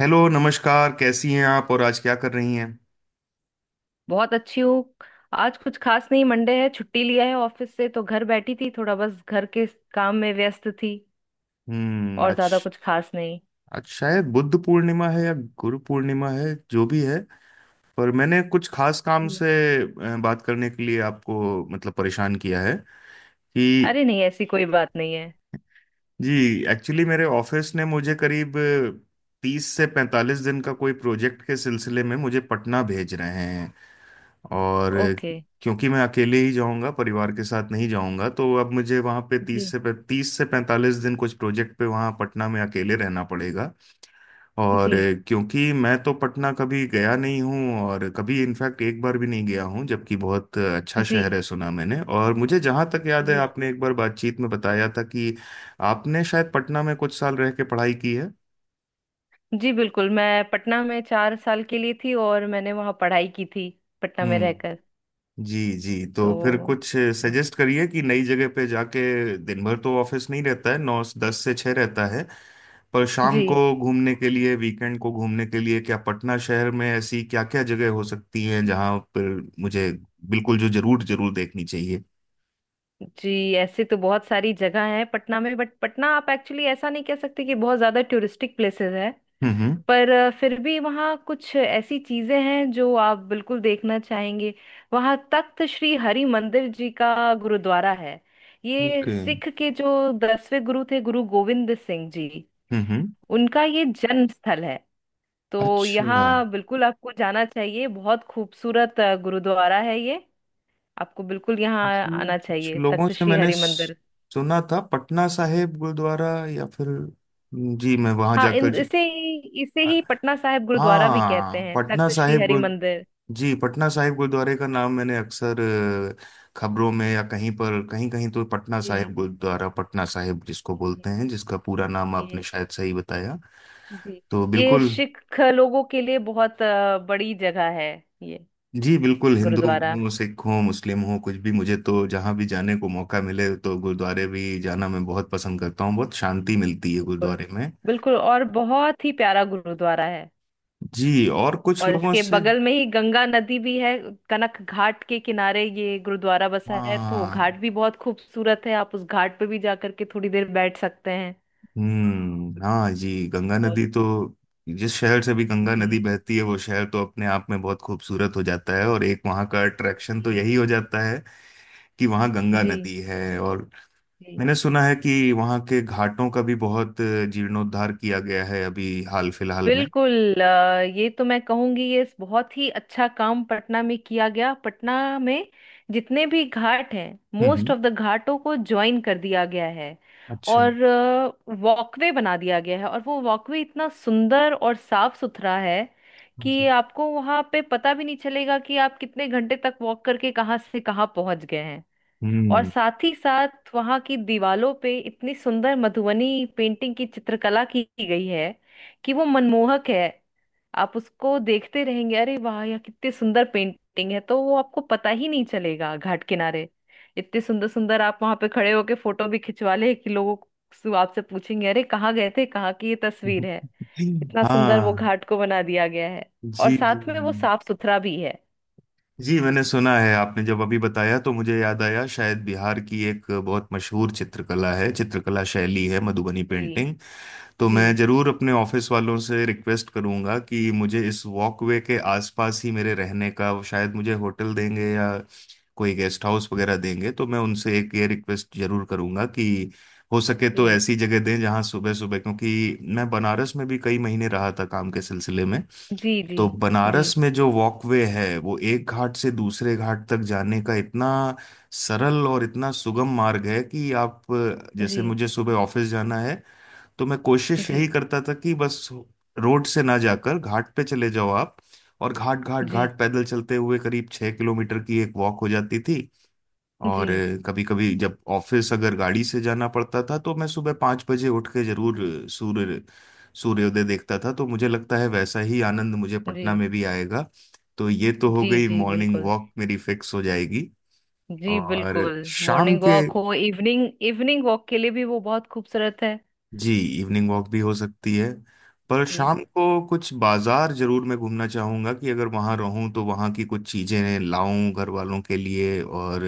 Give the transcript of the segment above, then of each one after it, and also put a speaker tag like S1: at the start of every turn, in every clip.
S1: Hello नमस्कार, कैसी हैं आप और आज क्या कर रही हैं?
S2: बहुत अच्छी हूँ। आज कुछ खास नहीं, मंडे है, छुट्टी लिया है ऑफिस से, तो घर बैठी थी, थोड़ा बस घर के काम में व्यस्त थी।
S1: हम्म।
S2: और
S1: आज
S2: ज्यादा कुछ खास नहीं।
S1: आज शायद बुद्ध पूर्णिमा है या गुरु पूर्णिमा है, जो भी है। पर मैंने कुछ खास काम
S2: जी।
S1: से बात करने के लिए आपको मतलब परेशान किया है कि।
S2: अरे नहीं, ऐसी कोई बात नहीं है।
S1: जी। एक्चुअली मेरे ऑफिस ने मुझे करीब 30 से 45 दिन का कोई प्रोजेक्ट के सिलसिले में मुझे पटना भेज रहे हैं। और
S2: ओके।
S1: क्योंकि मैं अकेले ही जाऊंगा, परिवार के साथ नहीं जाऊंगा, तो अब मुझे वहाँ पे तीस
S2: जी।
S1: से तीस से पैंतालीस दिन कुछ प्रोजेक्ट पे वहाँ पटना में अकेले रहना पड़ेगा। और
S2: जी।
S1: क्योंकि मैं तो पटना कभी गया नहीं हूँ और कभी इनफैक्ट एक बार भी नहीं गया हूँ, जबकि बहुत अच्छा शहर
S2: जी।
S1: है, सुना मैंने। और मुझे जहाँ तक याद है,
S2: जी।
S1: आपने एक बार बातचीत में बताया था कि आपने शायद पटना में कुछ साल रह के पढ़ाई की है।
S2: जी बिल्कुल, मैं पटना में 4 साल के लिए थी और मैंने वहाँ पढ़ाई की थी, पटना में रहकर।
S1: हम्म। जी जी,
S2: तो
S1: तो फिर कुछ
S2: हाँ।
S1: सजेस्ट करिए कि नई जगह पे जाके दिन भर तो ऑफिस नहीं रहता है, 9-10 से 6 रहता है। पर शाम को
S2: जी।
S1: घूमने के लिए, वीकेंड को घूमने के लिए क्या पटना शहर में ऐसी क्या क्या जगह हो सकती हैं जहाँ पर मुझे बिल्कुल जो जरूर जरूर देखनी चाहिए?
S2: जी, ऐसे तो बहुत सारी जगह है पटना में, बट पटना आप एक्चुअली ऐसा नहीं कह सकते कि बहुत ज्यादा टूरिस्टिक प्लेसेस है।
S1: हम्म।
S2: पर फिर भी वहाँ कुछ ऐसी चीजें हैं जो आप बिल्कुल देखना चाहेंगे। वहाँ तख्त श्री हरि मंदिर जी का गुरुद्वारा है। ये
S1: ओके।
S2: सिख के जो दसवें गुरु थे, गुरु गोविंद सिंह जी,
S1: हम्म।
S2: उनका ये जन्म स्थल है। तो
S1: अच्छा।
S2: यहाँ बिल्कुल आपको जाना चाहिए, बहुत खूबसूरत गुरुद्वारा है ये। आपको बिल्कुल यहाँ
S1: जी
S2: आना
S1: कुछ
S2: चाहिए,
S1: लोगों
S2: तख्त
S1: से
S2: श्री
S1: मैंने
S2: हरि मंदिर।
S1: सुना था पटना साहिब गुरुद्वारा, या फिर। जी मैं वहां
S2: हाँ,
S1: जाकर।
S2: इन इसे ही पटना साहिब गुरुद्वारा भी कहते
S1: हाँ।
S2: हैं,
S1: पटना
S2: तख्त श्री
S1: साहिब
S2: हरि मंदिर।
S1: गुरुद्व जी, पटना साहिब गुरुद्वारे का नाम मैंने अक्सर खबरों में या कहीं पर कहीं कहीं तो पटना साहिब
S2: जी।
S1: गुरुद्वारा, पटना साहिब जिसको बोलते
S2: जी,
S1: हैं, जिसका पूरा नाम आपने
S2: ये।
S1: शायद सही बताया।
S2: जी।
S1: तो
S2: ये
S1: बिल्कुल।
S2: सिख लोगों के लिए बहुत बड़ी जगह है, ये
S1: जी बिल्कुल, हिंदू
S2: गुरुद्वारा।
S1: हो, सिख हो, मुस्लिम हो, कुछ भी, मुझे तो जहाँ भी जाने को मौका मिले तो गुरुद्वारे भी जाना मैं बहुत पसंद करता हूँ, बहुत शांति मिलती है
S2: बिल्कुल
S1: गुरुद्वारे में।
S2: बिल्कुल, और बहुत ही प्यारा गुरुद्वारा है।
S1: जी और कुछ
S2: और
S1: लोगों
S2: इसके
S1: से।
S2: बगल में ही गंगा नदी भी है। कनक घाट के किनारे ये गुरुद्वारा बसा है, तो
S1: हाँ।
S2: घाट भी बहुत खूबसूरत है, आप उस घाट पे भी जा करके थोड़ी देर बैठ सकते हैं।
S1: हम्म। हाँ जी, गंगा
S2: और
S1: नदी तो जिस शहर से भी गंगा
S2: जी।
S1: नदी बहती है वो शहर तो अपने आप में बहुत खूबसूरत हो जाता है, और एक वहाँ का अट्रैक्शन तो
S2: जी।
S1: यही हो जाता है कि वहाँ गंगा
S2: जी।
S1: नदी है। और
S2: जी
S1: मैंने सुना है कि वहाँ के घाटों का भी बहुत जीर्णोद्धार किया गया है अभी हाल फिलहाल में।
S2: बिल्कुल। ये तो मैं कहूंगी, ये बहुत ही अच्छा काम पटना में किया गया। पटना में जितने भी घाट हैं,
S1: हम्म
S2: मोस्ट
S1: हम्म।
S2: ऑफ द घाटों को ज्वाइन कर दिया गया है।
S1: अच्छा।
S2: और वॉकवे बना दिया गया है, और वो वॉकवे इतना सुंदर और साफ सुथरा है कि
S1: जी।
S2: आपको वहां पे पता भी नहीं चलेगा कि आप कितने घंटे तक वॉक करके कहाँ से कहाँ पहुंच गए हैं। और
S1: हम्म।
S2: साथ ही साथ वहां की दीवालों पे इतनी सुंदर मधुबनी पेंटिंग की, चित्रकला की गई है, कि वो मनमोहक है। आप उसको देखते रहेंगे, अरे वाह यह कितनी सुंदर पेंटिंग है, तो वो आपको पता ही नहीं चलेगा। घाट किनारे इतने सुंदर सुंदर, आप वहां पे खड़े होके फोटो भी खिंचवा ले कि लोगों को आपसे पूछेंगे अरे कहाँ गए थे, कहाँ की ये तस्वीर है। इतना सुंदर वो
S1: हाँ।
S2: घाट को बना दिया गया है, और
S1: जी जी।
S2: साथ में वो साफ सुथरा भी है।
S1: जी मैंने सुना है, आपने जब अभी बताया तो मुझे याद आया, शायद बिहार की एक बहुत मशहूर चित्रकला है, चित्रकला शैली है मधुबनी
S2: जी।
S1: पेंटिंग। तो
S2: जी।
S1: मैं जरूर अपने ऑफिस वालों से रिक्वेस्ट करूंगा कि मुझे इस वॉकवे के आसपास ही मेरे रहने का वो शायद मुझे होटल देंगे या कोई गेस्ट हाउस वगैरह देंगे, तो मैं उनसे एक ये रिक्वेस्ट जरूर करूंगा कि हो सके तो
S2: जी।
S1: ऐसी जगह दें जहां सुबह सुबह, क्योंकि मैं बनारस में भी कई महीने रहा था काम के सिलसिले में,
S2: जी। जी।
S1: तो
S2: जी।
S1: बनारस में जो वॉकवे है वो एक घाट से दूसरे घाट तक जाने का इतना सरल और इतना सुगम मार्ग है कि आप, जैसे
S2: जी।
S1: मुझे सुबह ऑफिस जाना है, तो मैं कोशिश यही
S2: जी।
S1: करता था कि बस रोड से ना जाकर घाट पे चले जाओ आप, और घाट घाट
S2: जी।
S1: घाट पैदल चलते हुए करीब 6 किलोमीटर की एक वॉक हो जाती थी। और
S2: जी।
S1: कभी कभी जब ऑफिस अगर गाड़ी से जाना पड़ता था तो मैं सुबह 5 बजे उठ के जरूर सूर्य सूर्योदय देखता था, तो मुझे लगता है वैसा ही आनंद मुझे पटना
S2: जी।
S1: में भी आएगा। तो ये तो हो
S2: जी।
S1: गई,
S2: जी
S1: मॉर्निंग
S2: बिल्कुल।
S1: वॉक मेरी फिक्स हो जाएगी।
S2: जी
S1: और
S2: बिल्कुल।
S1: शाम
S2: मॉर्निंग
S1: के।
S2: वॉक हो, इवनिंग इवनिंग वॉक के लिए भी वो बहुत खूबसूरत है।
S1: जी, इवनिंग वॉक भी हो सकती है। पर
S2: जी
S1: शाम को कुछ बाजार जरूर मैं घूमना चाहूंगा कि अगर वहां रहूं तो वहां की कुछ चीजें लाऊं घर वालों के लिए, और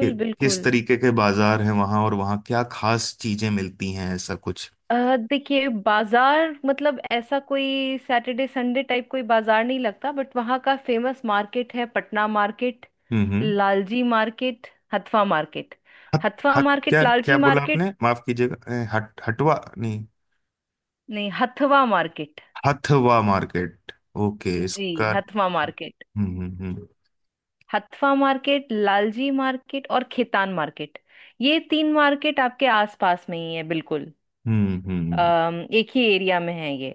S1: कि, किस
S2: बिल्कुल।
S1: तरीके के बाजार हैं वहां और वहां क्या खास चीजें मिलती हैं, ऐसा कुछ।
S2: देखिए, बाजार मतलब ऐसा कोई सैटरडे संडे टाइप कोई बाजार नहीं लगता, बट वहाँ का फेमस मार्केट है, पटना मार्केट,
S1: हम्म।
S2: Lalji market, Hathwa market.
S1: Hut.
S2: Hathwa
S1: hut
S2: market,
S1: क्या
S2: लालजी
S1: क्या बोला आपने,
S2: मार्केट।
S1: माफ कीजिएगा? हट, हटवा नहीं?
S2: नहीं, Hathwa market.
S1: Hathwa market, okay.
S2: जी,
S1: इसका।
S2: हथवा मार्केट,
S1: हम्म।
S2: हथफा मार्केट, लालजी मार्केट और खेतान मार्केट। ये तीन मार्केट आपके आसपास में ही है, बिल्कुल
S1: हम्म हम्म हम्म।
S2: एक ही एरिया में है ये।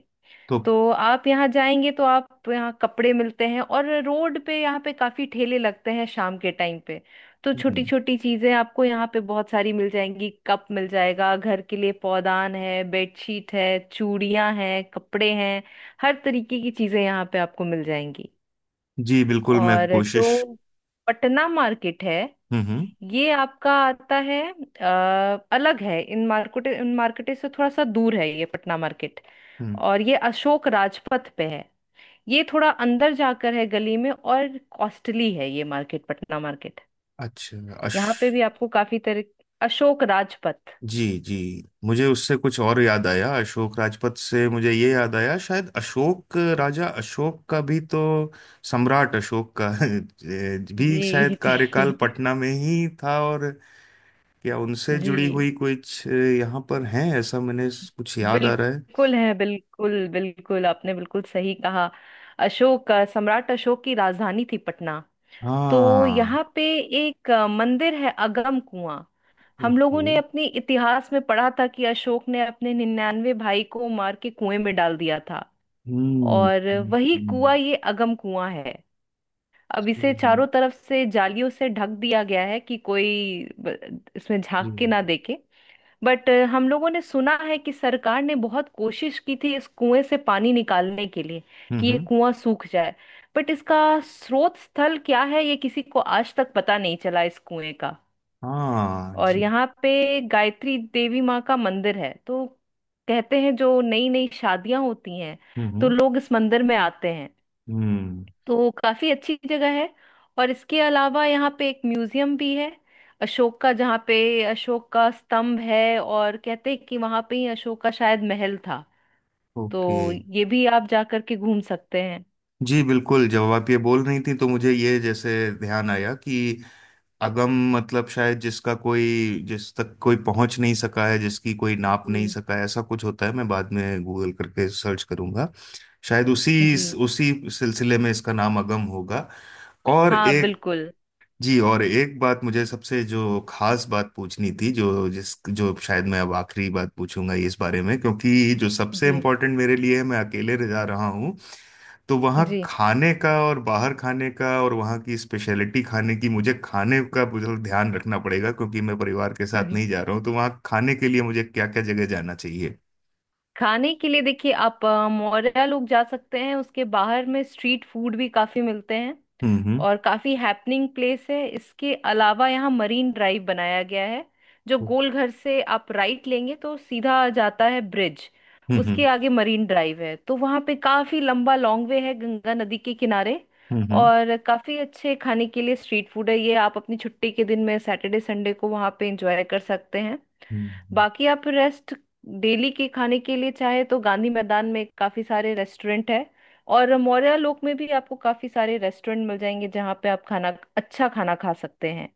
S1: तो।
S2: तो आप यहाँ जाएंगे तो आप यहाँ कपड़े मिलते हैं, और रोड पे यहाँ पे काफी ठेले लगते हैं शाम के टाइम पे। तो छोटी
S1: हम्म।
S2: छोटी चीजें आपको यहाँ पे बहुत सारी मिल जाएंगी, कप मिल जाएगा घर के लिए, पौधान है, बेडशीट है, चूड़ियां हैं, कपड़े हैं, हर तरीके की चीजें यहाँ पे आपको मिल जाएंगी।
S1: जी बिल्कुल, मैं
S2: और
S1: कोशिश।
S2: जो पटना मार्केट है,
S1: हम्म हम्म
S2: ये आपका आता है अलग है। इन मार्केट से थोड़ा सा दूर है ये पटना मार्केट।
S1: हम्म।
S2: और ये अशोक राजपथ पे है, ये थोड़ा अंदर जाकर है गली में, और कॉस्टली है ये मार्केट, पटना मार्केट।
S1: अच्छा। अश
S2: यहाँ पे भी आपको काफी तरह। अशोक राजपथ।
S1: जी जी, मुझे उससे कुछ और याद आया, अशोक राजपथ से मुझे ये याद आया, शायद अशोक, राजा अशोक का भी तो, सम्राट अशोक का भी शायद
S2: जी
S1: कार्यकाल
S2: जी।
S1: पटना में ही था। और क्या उनसे जुड़ी
S2: जी
S1: हुई कुछ यहाँ पर है, ऐसा मैंने कुछ याद आ रहा है?
S2: बिल्कुल है, बिल्कुल बिल्कुल, आपने बिल्कुल सही कहा। अशोक, सम्राट अशोक की राजधानी थी पटना। तो
S1: हाँ।
S2: यहाँ पे एक मंदिर है, अगम कुआं। हम लोगों
S1: ओके।
S2: ने अपने इतिहास में पढ़ा था कि अशोक ने अपने 99 भाई को मार के कुएं में डाल दिया था,
S1: हम्म।
S2: और
S1: हम्म।
S2: वही
S1: हम्म।
S2: कुआं ये अगम कुआं है। अब इसे
S1: जी
S2: चारों तरफ से जालियों से ढक दिया गया है कि कोई इसमें
S1: जी।
S2: झांक के ना देखे। बट हम लोगों ने सुना है कि सरकार ने बहुत कोशिश की थी इस कुएं से पानी निकालने के लिए,
S1: हम्म।
S2: कि ये
S1: हम्म।
S2: कुआं सूख जाए। बट इसका स्रोत स्थल क्या है ये किसी को आज तक पता नहीं चला इस कुएं।
S1: हाँ
S2: और
S1: जी।
S2: यहाँ पे गायत्री देवी माँ का मंदिर है, तो कहते हैं जो नई नई शादियां होती हैं, तो
S1: हम्म।
S2: लोग इस मंदिर में आते हैं।
S1: हम्म।
S2: तो काफी अच्छी जगह है। और इसके अलावा यहाँ पे एक म्यूजियम भी है, अशोक का, जहाँ पे अशोक का स्तंभ है, और कहते हैं कि वहां पे ही अशोक का शायद महल था।
S1: ओके।
S2: तो ये भी आप जा करके घूम सकते हैं।
S1: जी बिल्कुल, जब आप ये बोल रही थी तो मुझे ये जैसे ध्यान आया कि अगम मतलब शायद जिसका कोई, जिस तक कोई पहुंच नहीं सका है, जिसकी कोई नाप नहीं
S2: जी।
S1: सका है, ऐसा कुछ होता है, मैं बाद में गूगल करके सर्च करूंगा, शायद उसी
S2: जी
S1: उसी सिलसिले में इसका नाम अगम होगा। और
S2: हाँ
S1: एक
S2: बिल्कुल।
S1: जी, और एक बात मुझे सबसे जो खास बात पूछनी थी, जो शायद मैं अब आखिरी बात पूछूंगा इस बारे में, क्योंकि जो सबसे
S2: जी।
S1: इम्पोर्टेंट मेरे लिए है, मैं अकेले रह जा रहा हूँ, तो वहाँ
S2: जी
S1: खाने का और बाहर खाने का और वहाँ की स्पेशलिटी खाने की, मुझे खाने का मुझे ध्यान रखना पड़ेगा क्योंकि मैं परिवार के साथ नहीं जा रहा हूँ, तो वहाँ खाने के लिए मुझे क्या क्या जगह जाना चाहिए?
S2: खाने के लिए देखिए, आप मौर्या लोग जा सकते हैं, उसके बाहर में स्ट्रीट फूड भी काफी मिलते हैं,
S1: हम्म।
S2: और काफी हैपनिंग प्लेस है। इसके अलावा यहाँ मरीन ड्राइव बनाया गया है, जो गोल घर से आप राइट लेंगे तो सीधा जाता है ब्रिज,
S1: हम्म
S2: उसके आगे मरीन ड्राइव है, तो वहाँ पे काफी लंबा लॉन्ग वे है गंगा नदी के किनारे,
S1: हम्म।
S2: और काफी अच्छे खाने के लिए स्ट्रीट फूड है। ये आप अपनी छुट्टी के दिन में सैटरडे संडे को वहाँ पे एंजॉय कर सकते हैं।
S1: हम्म।
S2: बाकी आप रेस्ट, डेली के खाने के लिए चाहे तो गांधी मैदान में काफी सारे रेस्टोरेंट है, और मौर्या लोक में भी आपको काफी सारे रेस्टोरेंट मिल जाएंगे जहाँ पे आप खाना, अच्छा खाना खा सकते हैं।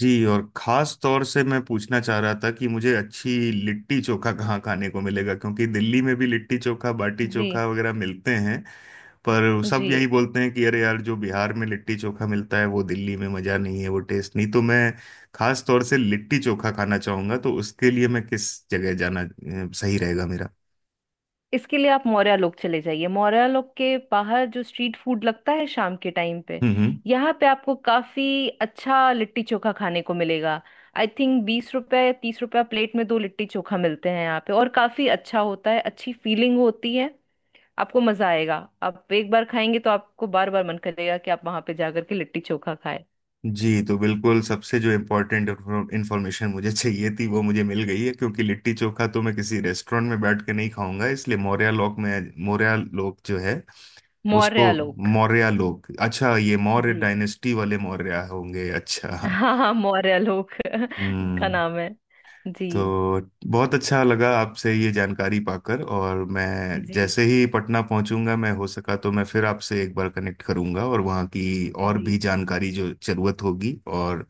S1: जी और खास तौर से मैं पूछना चाह रहा था कि मुझे अच्छी लिट्टी चोखा कहाँ खाने को मिलेगा, क्योंकि दिल्ली में भी लिट्टी चोखा, बाटी
S2: जी।
S1: चोखा वगैरह मिलते हैं, पर
S2: जी,
S1: सब यही बोलते हैं कि अरे यार जो बिहार में लिट्टी चोखा मिलता है वो दिल्ली में मजा नहीं, है वो टेस्ट नहीं, तो मैं खास तौर से लिट्टी चोखा खाना चाहूंगा, तो उसके लिए मैं किस जगह जाना सही रहेगा मेरा?
S2: इसके लिए आप मौर्या लोक चले जाइए। मौर्या लोक के बाहर जो स्ट्रीट फूड लगता है शाम के टाइम पे,
S1: हम्म हम्म।
S2: यहाँ पे आपको काफी अच्छा लिट्टी चोखा खाने को मिलेगा। आई थिंक 20 रुपया या 30 रुपया प्लेट में दो लिट्टी चोखा मिलते हैं यहाँ पे, और काफी अच्छा होता है, अच्छी फीलिंग होती है। आपको मजा आएगा। आप एक बार खाएंगे तो आपको बार बार मन करेगा कि आप वहां पे जाकर के लिट्टी चोखा खाएं।
S1: जी तो बिल्कुल, सबसे जो इम्पोर्टेंट इंफॉर्मेशन मुझे चाहिए थी वो मुझे मिल गई है, क्योंकि लिट्टी चोखा तो मैं किसी रेस्टोरेंट में बैठ के नहीं खाऊंगा, इसलिए मौर्या लोक में, मौर्या लोक जो है उसको
S2: मौर्य लोक।
S1: मौर्या लोक, अच्छा ये मौर्य
S2: जी
S1: डायनेस्टी वाले मौर्या होंगे, अच्छा।
S2: हाँ हाँ, मौर्य लोक इसका
S1: हम्म।
S2: नाम है। जी।
S1: तो बहुत अच्छा लगा आपसे ये जानकारी पाकर, और मैं
S2: जी।
S1: जैसे ही पटना पहुंचूंगा, मैं हो सका तो मैं फिर आपसे एक बार कनेक्ट करूंगा और वहाँ की और
S2: जी।
S1: भी जानकारी जो जरूरत होगी, और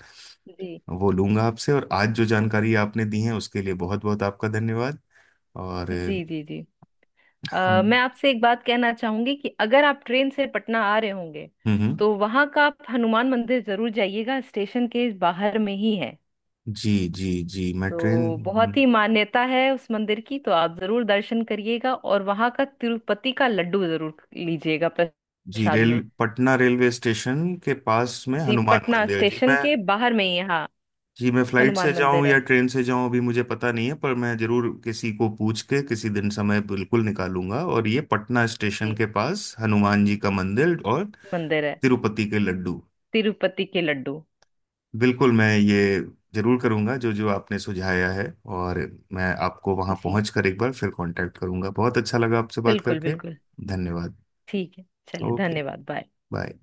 S2: जी।
S1: वो लूंगा आपसे, और आज जो जानकारी आपने दी है उसके लिए बहुत बहुत आपका धन्यवाद। और
S2: जी। जी। जी मैं
S1: हम
S2: आपसे एक बात कहना चाहूंगी कि अगर आप ट्रेन से पटना आ रहे होंगे,
S1: हम्म।
S2: तो वहां का आप हनुमान मंदिर जरूर जाइएगा, स्टेशन के बाहर में ही है।
S1: जी जी जी, मैं ट्रेन।
S2: तो बहुत ही मान्यता है उस मंदिर की, तो आप जरूर दर्शन करिएगा, और वहां का तिरुपति का लड्डू जरूर लीजिएगा
S1: जी
S2: प्रसाद
S1: रेल,
S2: में।
S1: पटना रेलवे स्टेशन के पास में
S2: जी
S1: हनुमान
S2: पटना
S1: मंदिर, जी
S2: स्टेशन
S1: मैं।
S2: के बाहर में ही है, हाँ।
S1: जी मैं फ्लाइट से
S2: हनुमान
S1: जाऊं
S2: मंदिर है।
S1: या ट्रेन से जाऊं अभी मुझे पता नहीं है, पर मैं जरूर किसी को पूछ के किसी दिन समय बिल्कुल निकालूंगा। और ये पटना स्टेशन
S2: जी
S1: के पास हनुमान जी का मंदिर और
S2: मंदिर है।
S1: तिरुपति के लड्डू,
S2: तिरुपति के लड्डू।
S1: बिल्कुल मैं ये जरूर करूंगा जो जो आपने सुझाया है। और मैं आपको वहां
S2: जी
S1: पहुंच कर एक बार फिर कांटेक्ट करूंगा, बहुत अच्छा लगा आपसे बात
S2: बिल्कुल
S1: करके।
S2: बिल्कुल।
S1: धन्यवाद।
S2: ठीक है। चलिए
S1: ओके।
S2: धन्यवाद, बाय।
S1: बाय।